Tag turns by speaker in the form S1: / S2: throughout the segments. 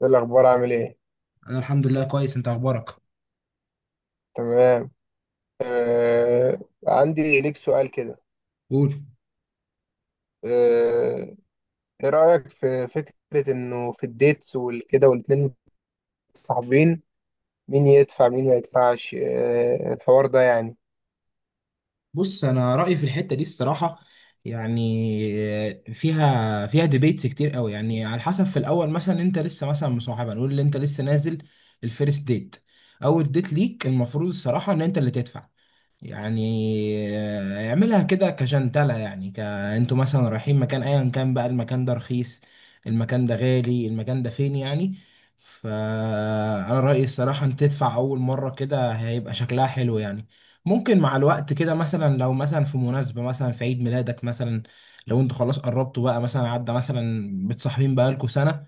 S1: ايه الاخبار، عامل ايه؟
S2: انا الحمد لله كويس. انت اخبارك؟
S1: تمام. آه. عندي ليك سؤال كده.
S2: قول.
S1: آه. ايه رايك في فكره انه في الديتس والكده والاتنين متصاحبين، مين يدفع مين ما يدفعش؟ الحوار ده يعني.
S2: بص، انا رايي في الحته دي الصراحه، يعني فيها ديبيتس كتير قوي، يعني على حسب. في الاول مثلا انت لسه مثلا مصاحبه، نقول ان انت لسه نازل الفيرست ديت. اول ديت ليك المفروض الصراحه ان انت اللي تدفع، يعني اعملها كده كجنتلة، يعني انتوا مثلا رايحين مكان، ايا كان بقى المكان ده رخيص، المكان ده غالي، المكان ده فين، يعني. فانا رأيي الصراحة انت تدفع اول مرة، كده هيبقى شكلها حلو يعني. ممكن مع الوقت كده مثلا لو مثلا في مناسبة، مثلا في عيد ميلادك مثلا، لو انتوا خلاص قربتوا بقى، مثلا عدى مثلا بتصاحبين بقالكوا سنة،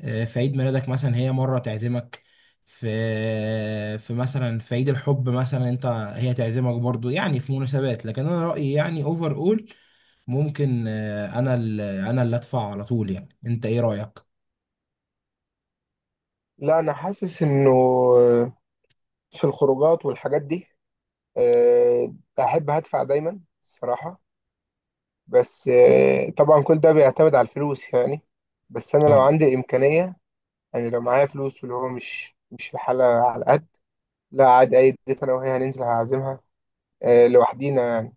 S2: في عيد ميلادك مثلا هي مرة تعزمك، في في مثلا في عيد الحب مثلا انت، هي تعزمك برضو، يعني في مناسبات. لكن انا رأيي يعني اوفر اول، ممكن انا اللي ادفع على طول، يعني انت ايه رأيك؟
S1: لا انا حاسس انه في الخروجات والحاجات دي، آه احب هدفع دايما الصراحه. بس طبعا كل ده بيعتمد على الفلوس يعني. بس انا لو
S2: اه،
S1: عندي امكانيه، يعني لو معايا فلوس واللي هو مش الحاله على قد. لا عادي، أي ديت أنا وهي هننزل هعزمها. لوحدينا يعني.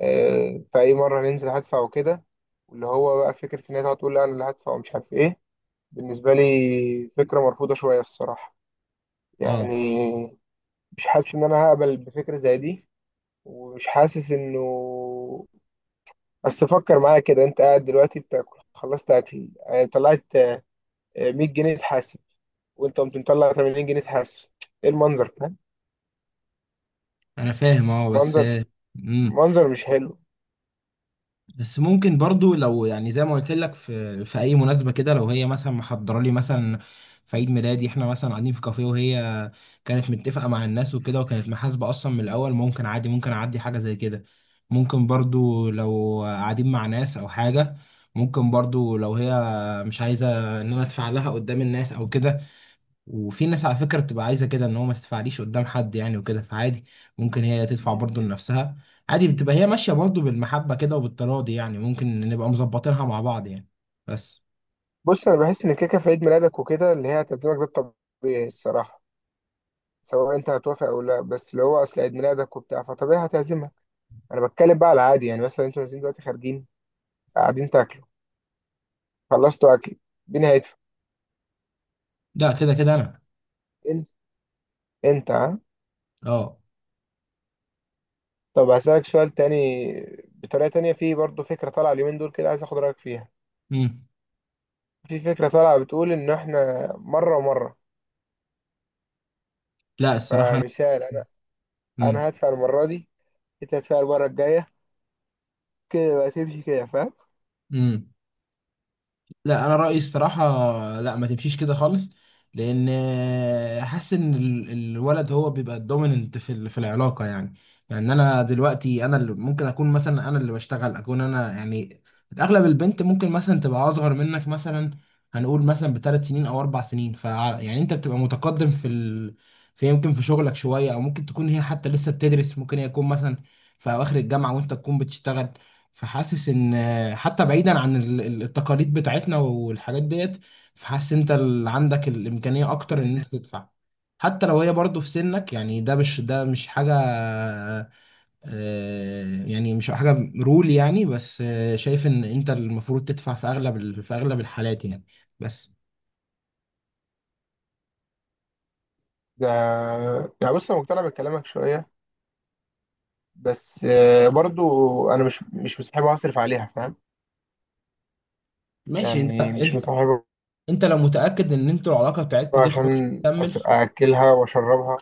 S1: فأي مرة هننزل هدفع وكده. واللي هو بقى فكرة إن هي تقعد تقول لا أنا اللي هدفع ومش عارف إيه، بالنسبة لي فكرة مرفوضة شوية الصراحة
S2: اه،
S1: يعني. مش حاسس إن أنا هقبل بفكرة زي دي، ومش حاسس إنه، بس فكر معايا كده. أنت قاعد دلوقتي بتاكل، خلصت أكل طلعت، 100 جنيه تحاسب، وأنت قمت مطلع 80 جنيه تحاسب. إيه المنظر، فاهم؟
S2: انا فاهم اه، بس
S1: منظر،
S2: امم،
S1: منظر مش حلو.
S2: بس ممكن برضو لو يعني زي ما قلت لك، في اي مناسبه كده، لو هي مثلا محضره لي مثلا في عيد ميلادي، احنا مثلا قاعدين في كافيه وهي كانت متفقه مع الناس وكده، وكانت محاسبه اصلا من الاول، ممكن عادي، ممكن اعدي حاجه زي كده. ممكن برضو لو قاعدين مع ناس او حاجه، ممكن برضو لو هي مش عايزه ان انا ادفع لها قدام الناس او كده. وفي ناس على فكرة بتبقى عايزة كده، ان هو ما تدفعليش قدام حد يعني وكده، فعادي ممكن هي تدفع برضه لنفسها، عادي. بتبقى هي ماشية برضه بالمحبة كده وبالتراضي، يعني ممكن نبقى مظبطينها مع بعض يعني، بس.
S1: بص انا بحس ان كيكه في عيد ميلادك وكده اللي هي تقديمك، ده الطبيعي الصراحه، سواء انت هتوافق او لا. بس اللي هو اصل عيد ميلادك وبتاع، فطبيعي هتعزمك. انا بتكلم بقى على العادي، يعني مثلا انتوا نازلين دلوقتي خارجين قاعدين تاكلوا، خلصتوا اكل، مين هيدفع؟
S2: ده كده كده انا.
S1: انت. انت ها.
S2: اه.
S1: طب هسألك سؤال تاني بطريقه تانية. في برضه فكره طالعه اليومين دول كده، عايز اخد رايك فيها.
S2: امم.
S1: في فكره طالعه بتقول ان احنا مره ومره.
S2: لا الصراحة انا.
S1: فمثال، انا انا
S2: امم.
S1: هدفع المره دي، انت هتدفع المره الجايه، كده بقى تمشي كده. فاهم؟
S2: امم. لا، انا رايي الصراحه لا، ما تمشيش كده خالص. لان حاسس ان الولد هو بيبقى الدوميننت في في العلاقه، يعني. يعني انا دلوقتي انا اللي ممكن اكون، مثلا انا اللي بشتغل، اكون انا يعني اغلب البنت ممكن مثلا تبقى اصغر منك مثلا، هنقول مثلا بثلاث سنين او اربع سنين، يعني انت بتبقى متقدم في في، يمكن في شغلك شويه. او ممكن تكون هي حتى لسه بتدرس، ممكن هي تكون مثلا في اواخر الجامعه وانت تكون بتشتغل. فحاسس ان، حتى بعيدا عن التقاليد بتاعتنا والحاجات ديت، فحاسس انت اللي عندك الامكانيه اكتر ان
S1: إمم.
S2: انت تدفع، حتى لو هي برضه في سنك. يعني ده مش حاجه يعني مش حاجه رول يعني، بس شايف ان انت المفروض تدفع في اغلب في اغلب الحالات يعني، بس.
S1: ده يعني، بص انا مقتنع بكلامك شويه، بس برضو انا مش مصاحبها اصرف عليها، فاهم؟
S2: ماشي، انت
S1: يعني مش
S2: انت
S1: مصاحبها
S2: انت لو متاكد ان انتوا العلاقه بتاعتكم دي خلاص
S1: عشان
S2: هتكمل،
S1: اكلها واشربها.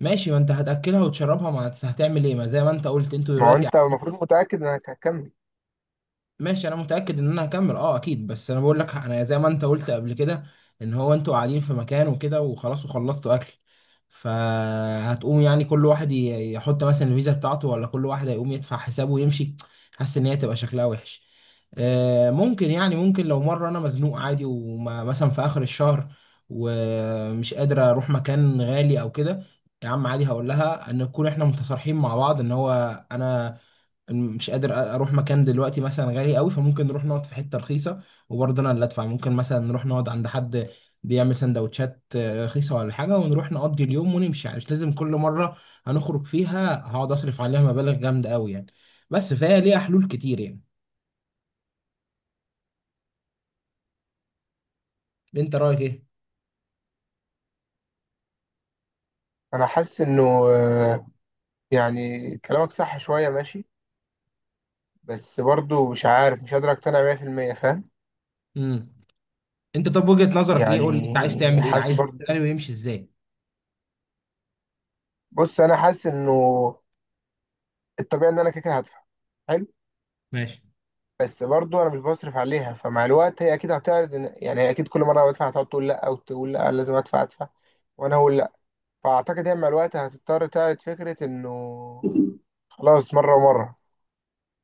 S2: ماشي. ما انت هتاكلها وتشربها، ما هتعمل ايه؟ ما زي ما انت قلت انتوا
S1: ما هو
S2: دلوقتي.
S1: انت المفروض متاكد انك هتكمل.
S2: ماشي، انا متاكد ان انا هكمل، اه اكيد. بس انا بقول لك، انا زي ما انت قلت قبل كده، ان هو انتوا قاعدين في مكان وكده، وخلاص وخلصتوا اكل، فهتقوم يعني كل واحد يحط مثلا الفيزا بتاعته، ولا كل واحد هيقوم يدفع حسابه ويمشي؟ حاسس ان هي تبقى شكلها وحش. ممكن، يعني ممكن لو مره انا مزنوق عادي، ومثلا في اخر الشهر ومش قادر اروح مكان غالي او كده، يا عم عادي هقول لها ان نكون احنا متصارحين مع بعض، ان هو انا مش قادر اروح مكان دلوقتي مثلا غالي قوي، فممكن نروح نقعد في حته رخيصه، وبرضه انا اللي ادفع. ممكن مثلا نروح نقعد عند حد بيعمل سندوتشات رخيصه ولا حاجه، ونروح نقضي اليوم ونمشي. يعني مش لازم كل مره هنخرج فيها هقعد اصرف عليها مبالغ جامده قوي يعني، بس فهي ليها حلول كتير يعني. انت رايك ايه؟
S1: انا حاسس انه، آه، يعني كلامك صح شويه ماشي، بس برضو مش عارف، مش قادر اقتنع 100% فاهم.
S2: امم. انت طب وجهه نظرك ايه؟ قول لي، انت عايز
S1: يعني
S2: تعمل ايه؟
S1: حاسس
S2: عايز
S1: برضو،
S2: السيناريو يمشي ازاي؟
S1: بص انا حاسس انه الطبيعي ان انا كده كده هدفع، حلو؟
S2: ماشي.
S1: بس برضو انا مش بصرف عليها، فمع الوقت هي اكيد هتعرض، يعني هي اكيد كل مره أنا بدفع هتقعد تقول لا، وتقول لا لازم ادفع ادفع، وانا اقول لا. فاعتقد هي مع الوقت هتضطر تعرض فكره انه خلاص مره ومره.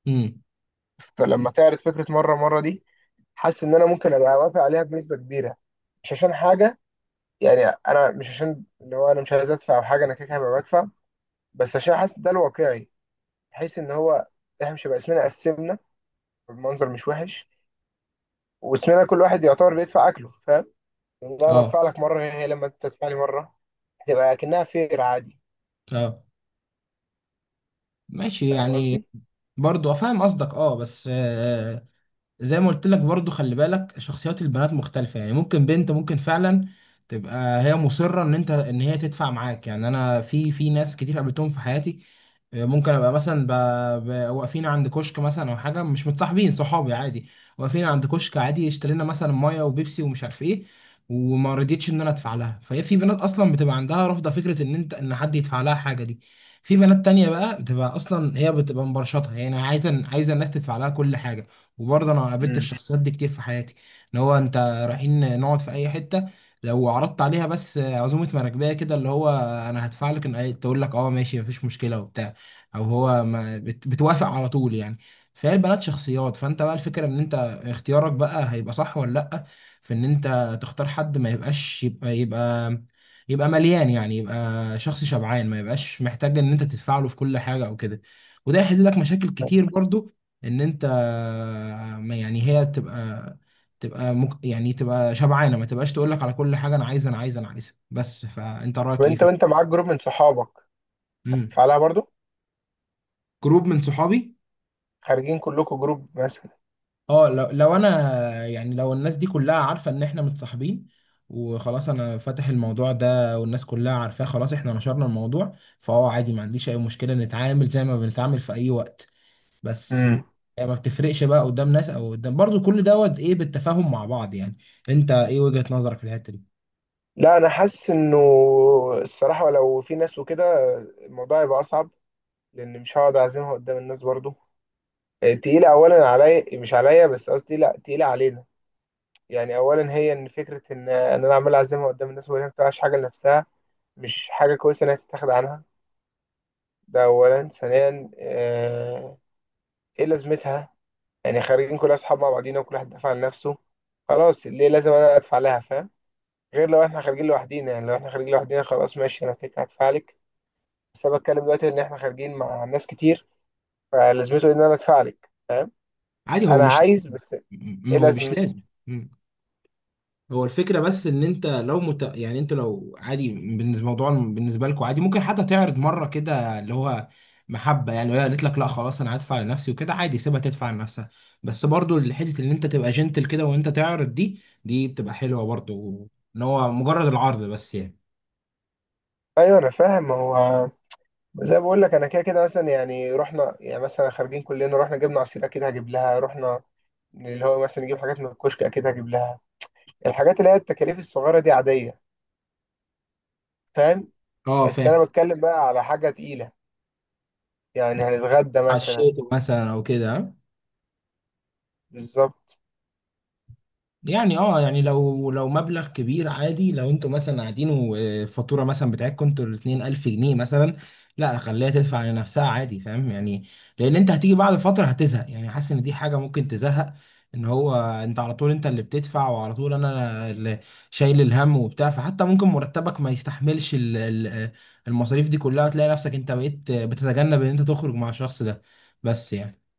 S2: امم.
S1: فلما تعرض فكره مره ومره دي، حاسس ان انا ممكن ابقى وافق عليها بنسبه كبيره، مش عشان حاجه، يعني انا مش عشان اللي هو انا مش عايز ادفع او حاجه، انا كده كده هبقى بدفع، بس عشان حاسس ده الواقعي. بحيث ان هو احنا مش هيبقى اسمنا قسمنا بالمنظر مش وحش، واسمنا كل واحد يعتبر بيدفع اكله، لا ما ادفع
S2: اه.
S1: لك مره هي لما انت تدفع لي مره، هتبقى اكنها فير عادي.
S2: اه، ماشي
S1: فاهم
S2: يعني.
S1: قصدي؟
S2: برضو فاهم قصدك، اه بس زي ما قلت لك، برضو خلي بالك شخصيات البنات مختلفة، يعني ممكن بنت ممكن فعلا تبقى هي مصرة ان انت، ان هي تدفع معاك يعني. انا في في ناس كتير قابلتهم في حياتي، ممكن ابقى مثلا واقفين عند كشك مثلا او حاجه، مش متصاحبين، صحابي عادي، واقفين عند كشك عادي، اشترينا مثلا ميه وبيبسي ومش عارف ايه، وما رضيتش ان انا ادفع لها. فهي في بنات اصلا بتبقى عندها رافضه فكره ان انت، ان حد يدفع لها حاجه دي. في بنات تانية بقى بتبقى اصلا هي بتبقى مبرشطها، يعني عايزه، عايزه الناس تدفع لها كل حاجه، وبرضه انا قابلت
S1: امم.
S2: الشخصيات دي كتير في حياتي، اللي هو انت رايحين نقعد في اي حته، لو عرضت عليها بس عزومه مراكبيه كده، اللي هو انا هدفع لك، ان تقول لك اه ماشي مفيش مشكله وبتاع، او هو ما بتوافق على طول يعني. فهي البنات شخصيات، فانت بقى الفكره ان انت اختيارك بقى هيبقى صح ولا لا. في ان انت تختار حد ما يبقاش يبقى مليان، يعني يبقى شخص شبعان، ما يبقاش محتاج ان انت تدفع له في كل حاجه او كده، وده يحل لك مشاكل كتير برضو، ان انت ما يعني هي تبقى، تبقى يعني تبقى شبعانه، ما تبقاش تقول لك على كل حاجه انا عايزه انا عايزه انا عايزه، بس. فانت رايك ايه
S1: وانت
S2: في؟
S1: وانت معاك جروب من صحابك،
S2: مم.
S1: هتدفع لها برضو؟
S2: جروب من صحابي؟
S1: خارجين كلكم جروب مثلا.
S2: اه، لو انا يعني لو الناس دي كلها عارفه ان احنا متصاحبين، وخلاص انا فاتح الموضوع ده والناس كلها عارفاه، خلاص احنا نشرنا الموضوع، فهو عادي ما عنديش اي مشكله. نتعامل زي ما بنتعامل في اي وقت، بس
S1: امم.
S2: هي ما بتفرقش بقى قدام ناس او قدام، برضو كل دوت ايه بالتفاهم مع بعض يعني. انت ايه وجهة نظرك في الحته دي؟
S1: لا انا حاسس انه الصراحه لو في ناس وكده، الموضوع هيبقى اصعب، لان مش هقعد اعزمها قدام الناس برضو. تقيله، اولا عليا، مش عليا بس، قصدي لا تقيله علينا، يعني اولا هي ان فكره ان انا عمال اعزمها قدام الناس وهي ما بتعملش حاجه لنفسها مش حاجه كويسه انها تتاخد عنها. ده أولا. ثانيا، إيه لازمتها؟ يعني خارجين كل أصحاب مع بعضينا وكل واحد دافع عن نفسه، خلاص ليه لازم أنا أدفع لها، فاهم؟ غير لو إحنا خارجين لوحدينا، يعني لو إحنا خارجين لوحدينا خلاص ماشي أنا كده كده هدفع لك. بس أنا بتكلم دلوقتي إن إحنا خارجين مع ناس كتير، فلازمته إن أنا أدفع لك؟
S2: عادي، هو
S1: أنا
S2: مش،
S1: عايز بس، إيه
S2: هو مش
S1: لازمته؟
S2: لازم. هو الفكرة بس ان انت لو يعني انت لو عادي، بالنسبة الموضوع بالنسبة لكم عادي، ممكن حتى تعرض مرة كده، اللي هو محبة يعني. لو هي قالت لك لا خلاص انا هدفع لنفسي وكده، عادي، سيبها تدفع لنفسها. بس برضو الحتة اللي انت تبقى جنتل كده وانت تعرض دي بتبقى حلوة برضو، ان هو مجرد العرض بس يعني.
S1: أيوه أنا فاهم. هو زي ما بقول لك أنا كده كده مثلا، يعني رحنا، يعني مثلا خارجين كلنا رحنا جبنا عصير أكيد هجيب لها، رحنا اللي هو مثلا نجيب حاجات من الكشك أكيد هجيب لها. الحاجات اللي هي التكاليف الصغيرة دي عادية، فاهم؟
S2: اه
S1: بس
S2: فاهم.
S1: أنا بتكلم بقى على حاجة تقيلة، يعني هنتغدى
S2: على
S1: مثلا.
S2: الشيء مثلا او كده،
S1: بالظبط.
S2: يعني اه، يعني لو مبلغ كبير عادي. لو انتوا مثلا قاعدين والفاتوره مثلا بتاعتكم انتوا الاتنين 1000 جنيه مثلا، لا خليها تدفع لنفسها عادي، فاهم يعني. لان انت هتيجي بعد فتره هتزهق، يعني حاسس ان دي حاجه ممكن تزهق، ان هو انت على طول انت اللي بتدفع، وعلى طول انا اللي شايل الهم وبتاع. فحتى ممكن مرتبك ما يستحملش المصاريف دي كلها، وتلاقي نفسك انت بقيت بتتجنب ان انت تخرج مع الشخص ده، بس يعني